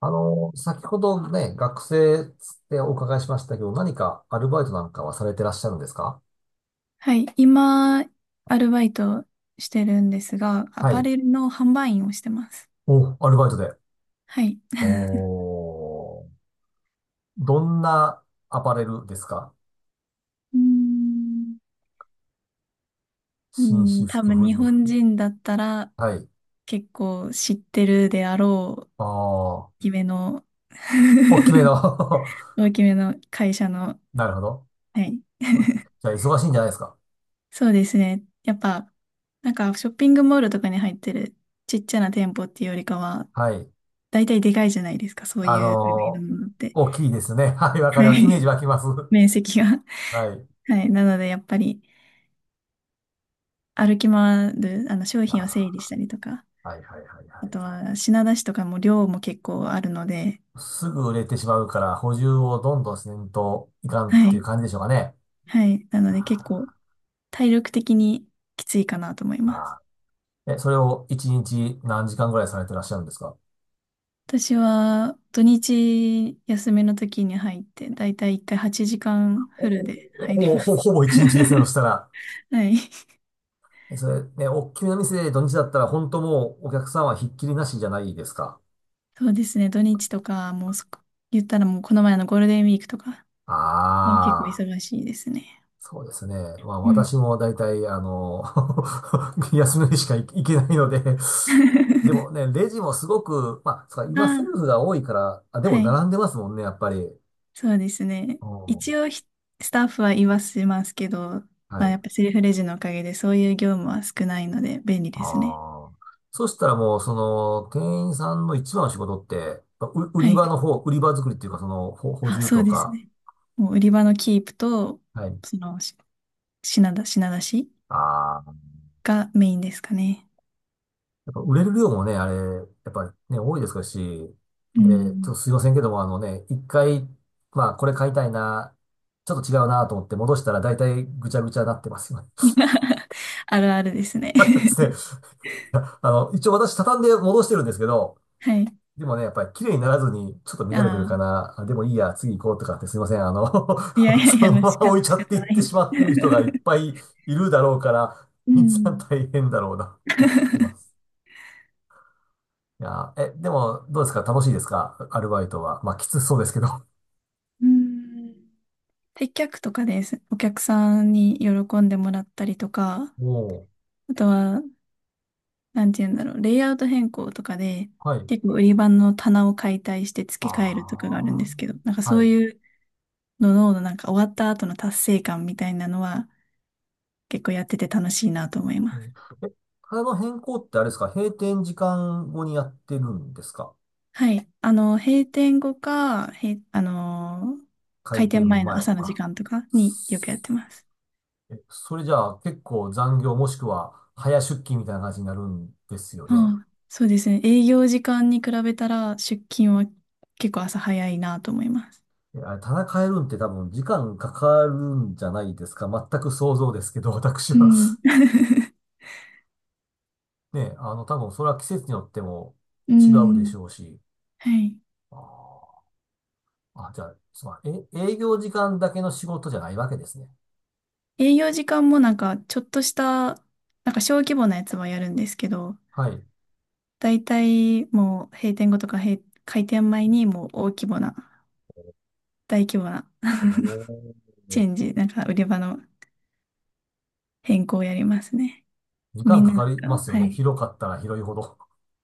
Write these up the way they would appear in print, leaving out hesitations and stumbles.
先ほどね、学生ってお伺いしましたけど、何かアルバイトなんかはされてらっしゃるんですか？はい、今、アルバイトしてるんですが、アはパい。レルの販売員をしてます。お、アルバイトで。はい。おー、どんなアパレルですか？うーん、う紳ー士ん多服、分婦日人本服。人だったらはい。結構知ってるであろう、あ大あ、きめの、大きめの 大きめの会社の、なるほど。はい。そうですね。じゃあ、忙しいんじゃないですか？そうですね。やっぱ、なんかショッピングモールとかに入ってるちっちゃな店舗っていうよりかは、はい。大体でかいじゃないですか、そうあいう類ののーものって。大きいですね。はい、わかりはます。イメージい。湧きます。面積が。 はい。はい。なので、やっぱり歩き回る、商品を整理あしたりとか、あ、はいはいはいはあとい。は品出しとかも量も結構あるので。すぐ売れてしまうから、補充をどんどんせんといかんはっていうい。感じでしょうかね。はい。なので、結構あ体力的にきついかなと思いーます。あーえ、それを一日何時間ぐらいされてらっしゃるんですか？私は土日休みの時に入って、だいたい1回8時間おフルで入ほりぼ、まほぼ、す。ほぼ一日ですね、そした ら。はい。それ、ね、おっきめの店で土日だったら、本当もうお客さんはひっきりなしじゃないですか。そうですね。土日とか、もうそこ、言ったらもうこの前のゴールデンウィークとか、もう結構ああ。忙しいですね。そうですね。まあうん。私も大体、休みの日しか行けないので、で もね、レジもすごく、まあ、そうかあ今セルあ、フが多いから、あ、でもはい。並んでますもんね、やっぱり。そうですね。うん一応、スタッフは言わせますけど、はまあ、やい。っぱセルフレジのおかげでそういう業務は少ないので便利ですね。ああ。そしたらもう、その、店員さんの一番の仕事って、売はりい。場の方、売り場作りっていうか、その、補あ、充そうとですか。ね。もう売り場のキープと、はい。その、し品出しああ。がメインですかね。やっぱ売れる量もね、あれ、やっぱね、多いですし、うで、ちょっとん。すいませんけども、あのね、一回、まあ、これ買いたいな、ちょっと違うなと思って戻したら大体ぐちゃぐちゃなってますよね。あるあるですね。ですね。いや一応私畳んで戻してるんですけど、はい。でもね、やっぱり綺麗にならずに、ちょっと乱れてあるかあ、な、あでもいいや、次行こうとかってすいません、いやい やそいのや、ま仕ま方、置いち仕ゃって方いっなてい。しまってる人がいっ ぱいいるだろうから、う皆さんん。大変だろうな、思ってます。いやー、でも、どうですか？楽しいですか？アルバイトは。まあ、きつそうですけど。うん、接客とかです。お客さんに喜んでもらったりとか、もあとは、なんて言うんだろう、レイアウト変更とかで、う、はい。結構売り場の棚を解体して付け替えるとかがあるんであすけど、なんかあ、そはうい。いうのの、なんか終わった後の達成感みたいなのは、結構やってて楽しいなと思いうます。ん、え、体の変更ってあれですか？閉店時間後にやってるんですか？はい。閉店後か、へ、あの、開開店店前の前。朝の時あ、間とかによくやってすます。それじゃあ結構残業もしくは早出勤みたいな感じになるんですよね。ああ、そうですね。営業時間に比べたら出勤は結構朝早いなと思います。あれ、棚変えるんって多分時間かかるんじゃないですか？全く想像ですけど、私うは。ん。ね、多分それは季節によってもう違うでしん。ょうし。はい。あーじゃあ、すまん、営業時間だけの仕事じゃないわけですね。営業時間もなんかちょっとした、なんか小規模なやつはやるんですけど、はい。大体もう閉店後とか閉、開店前にもう大規模な お ーチェンジ、なんか売り場の変更をやりますね。時み間んかななかんりか、ますよはね。い。広かったら広いほど。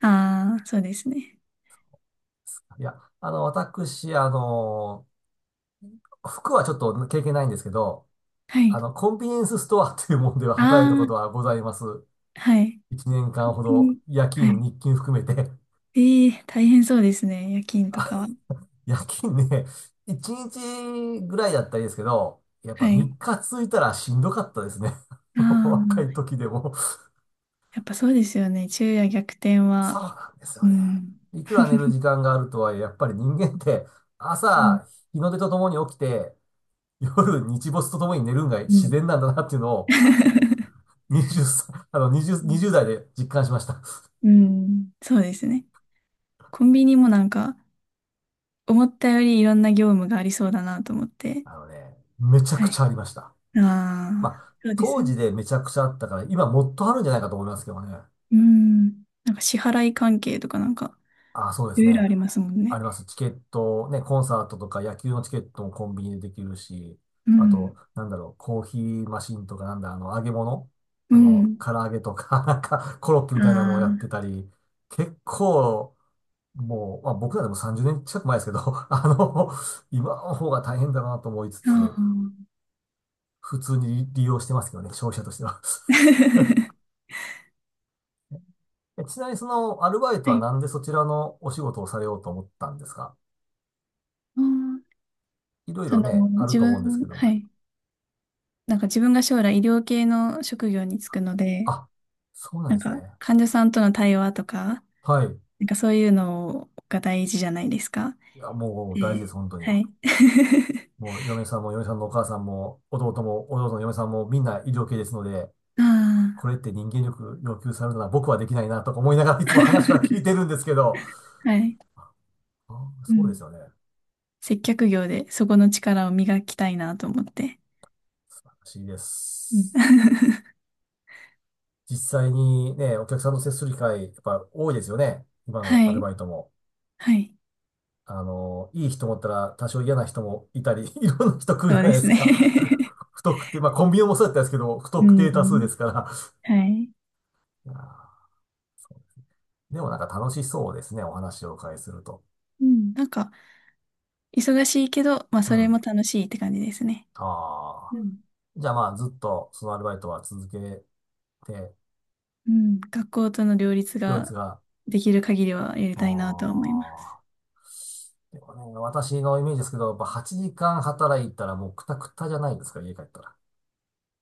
ああ、そうですね。いや、私、服はちょっと経験ないんですけど、はい。コンビニエンスストアというものでは働いたこあとはございます。あ、はい。1年間コほピど、ー。夜は勤、い。日勤含めて。ええ大変そうですね。夜勤とかは。夜勤ね、1日ぐらいだったらいいですけど、やっぱはい。3あ日続いたらしんどかったですね。若いあ、時でも。やっぱそうですよね。昼夜逆転そうは。なんですうよね。ん。いくら寝る時間があるとはいえ、やっぱり人間ってうん。朝、日の出とともに起きて、夜、日没とともに寝るんがう自ん。然なんだなっていうのを 20、あの20、20代で実感しました。うん。そうですね。コンビニもなんか、思ったよりいろんな業務がありそうだなと思って。あのね、めちゃはくちゃい。ありました。まああ、あ、そうです当よね。時でめちゃくちゃあったから、今もっとあるんじゃないかと思いますけどね。うん。なんか支払い関係とかなんか、ああ、そうでいすろいろね。ありますもんあね。ります。チケット、ね、コンサートとか野球のチケットもコンビニでできるし、うあと、ん。なんだろう、コーヒーマシンとか、なんだ、揚げ物、うん。唐揚げとか、なんか、コロッケみたいなのもやってあたり、結構、もう、まあ、僕らでも30年近く前ですけど、あの、今の方が大変だなと思いつあ。あつ、あ。普通に利用してますけどね、消費者としては。ちなみにそのアルバイトははい。なんでそちらのお仕事をされようと思ったんですか？あーいろいそろね、の、あると思うんですけども。はい。なんか自分が将来医療系の職業に就くので、あ、そうなんなんですかね。患者さんとの対話とか、はい。なんかそういうのが大事じゃないですか。いや、もう大事です、で、本当はに。い。もう嫁さんも嫁さんのお母さんも、弟も、弟の嫁さんもみんな医療系ですので、あこれって人間力要求されるのは僕はできないなとか思いながらいつも話は聞いてるんですけど、あ、はい。うそうでん。すよね。接客業でそこの力を磨きたいなと思って。素晴らしいでうん。 す。実際にね、お客さんと接する機会、やっぱ多いですよね。今 のアはルい。バイトも。はい。いい人もおったら多少嫌な人もいたり、いろんな人来るじそゃうないでですすね。 か。不特定、まあコンビニもそうだったんですけど、不 う特定多数でん。すから。はい。いやーでもなんか楽しそうですね、お話をお伺いすると。うん。なんか、忙しいけど、まあ、うそれん。も楽しいって感じですね。あうあ。ん。じゃあまあずっとそのアルバイトは続けて、うん、学校との両立両立がが、できる限りはやりたいなとは思あいます。あ。でもね、私のイメージですけど、やっぱ8時間働いたらもうクタクタじゃないですか、家帰ったら。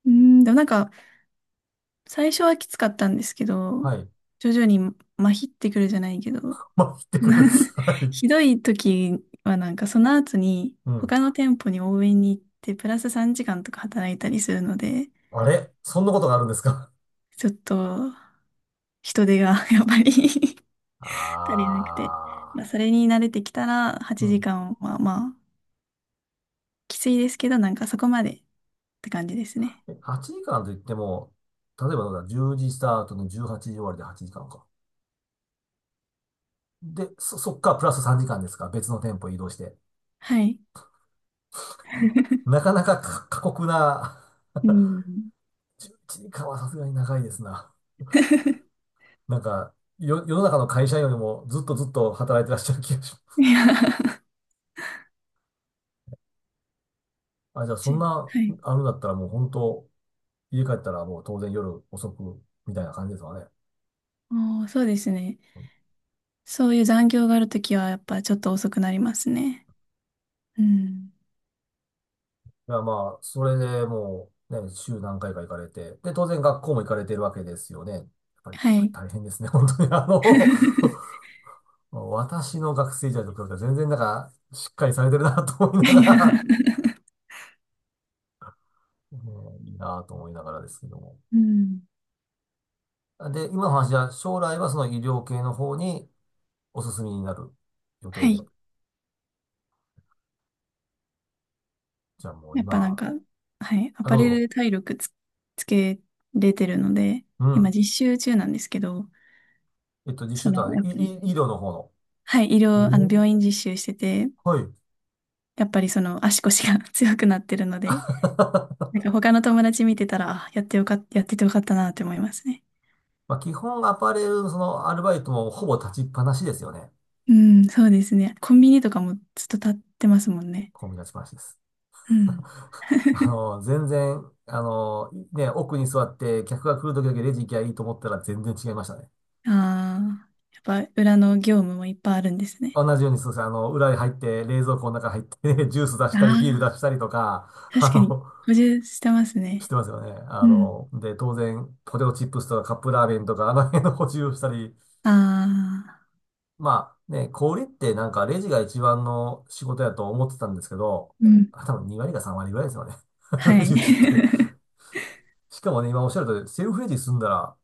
うん、でもなんか、最初はきつかったんですけど、はい。徐々に麻痺ってくるじゃないけど、まあ、行ってくる。はい。ひどい時はなんかその後にうん。他の店舗に応援に行ってプラス3時間とか働いたりするので、あれそんなことがあるんですか？ちょっと人手が やっぱり 足りなくて、あまあ、そあ、れに慣れてきたらう8ん。時間はまあきついですけど、なんかそこまでって感じですね。8時間といっても、例えばどうだ、10時スタートの18時終わりで8時間かんか。で、そっからプラス3時間ですか？別の店舗移動して。はい。なかなか過酷な、うん。11時間はさすがに長いですな。なんか、世の中の会社員よりもずっとずっと働いてらっしゃる気がしまいす。や、あ、じゃあそんちな、はい。あるんだったらもう本当、家帰ったらもう当然夜遅くみたいな感じですわね。おー、そうですね。そういう残業があるときは、やっぱちょっと遅くなりますね。うん。いや、まあ、それでもう、ね、週何回か行かれて、で、当然学校も行かれてるわけですよね。やっぱりはい。大変ですね、本当に。私の学生時代と比べたら全然なんか、しっかりされてるなと思いないがや、ら、ねいいなと思いながらですけども。うん。で、今の話は、将来はその医療系の方にお進みになる予は定い。で。じゃあもうやっぱなん今、か、はい。アあ、パどうレルぞ。で体力つ、つけれてるので、う今ん。実習中なんですけど、実そ習との、は、いやっぱり、い医療の方の。はい、医療、あおの、ー病院実習してて、はい。やっぱりその足腰が 強くなってるので、なんか他の友達見てたら、あ、やってよかった、やっててよかったなって思いますね。まあ、基本アパレルのそのアルバイトもほぼ立ちっぱなしですよね。うん、そうですね。コンビニとかもずっと立ってますもんね。ほぼ立ちっぱなしです。うん。全然、ね、奥に座って客が来る時だけレジ行きゃいいと思ったら全然違いましたね。ああ、やっぱ裏の業務もいっぱいあるんですね。同じようにそうですね。裏に入って、冷蔵庫の中入って ジュース出したり、ビールああ、出したりとか、あ確かにの、補充してますしね。てますよね。うん。で、当然、ポテトチップスとかカップラーメンとか、あの辺の補充をしたり、ああ、まあね、小売りってなんかレジが一番の仕事やと思ってたんですけど、うん。あ、多分2割か3割ぐらいですよね。はレジい。打ちって。しかもね、今おっしゃる通り、セルフレジ済んだら、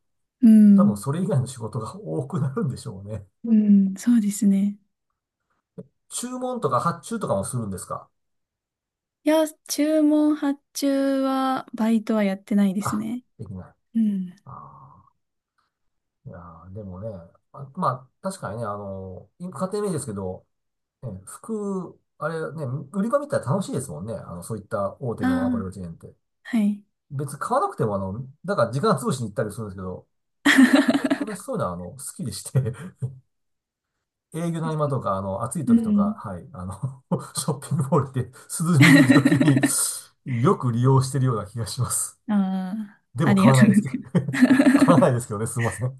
う多分ん。それ以外の仕事が多くなるんでしょうね。うん、そうですね。注文とか発注とかもするんですか？いや、注文発注は、バイトはやってないですあ、ね。できない。うん。ああ、いやーでもね、あ、まあ、確かにね、家庭名ですけど、ね、服、あれね、売り場見たら楽しいですもんね。そういった大手あのアパレルあ、チェーンって。はい。別に買わなくてもだから時間潰しに行ったりするんですけど、私そういうのは好きでして、営業の合間とか、暑いう時とか、ん。はい、ショッピングモールで涼みに行く時に よく利用してるような気がします。あであ、あもり買がわとないうでごすけざど います。買わない ですけどね、すいません。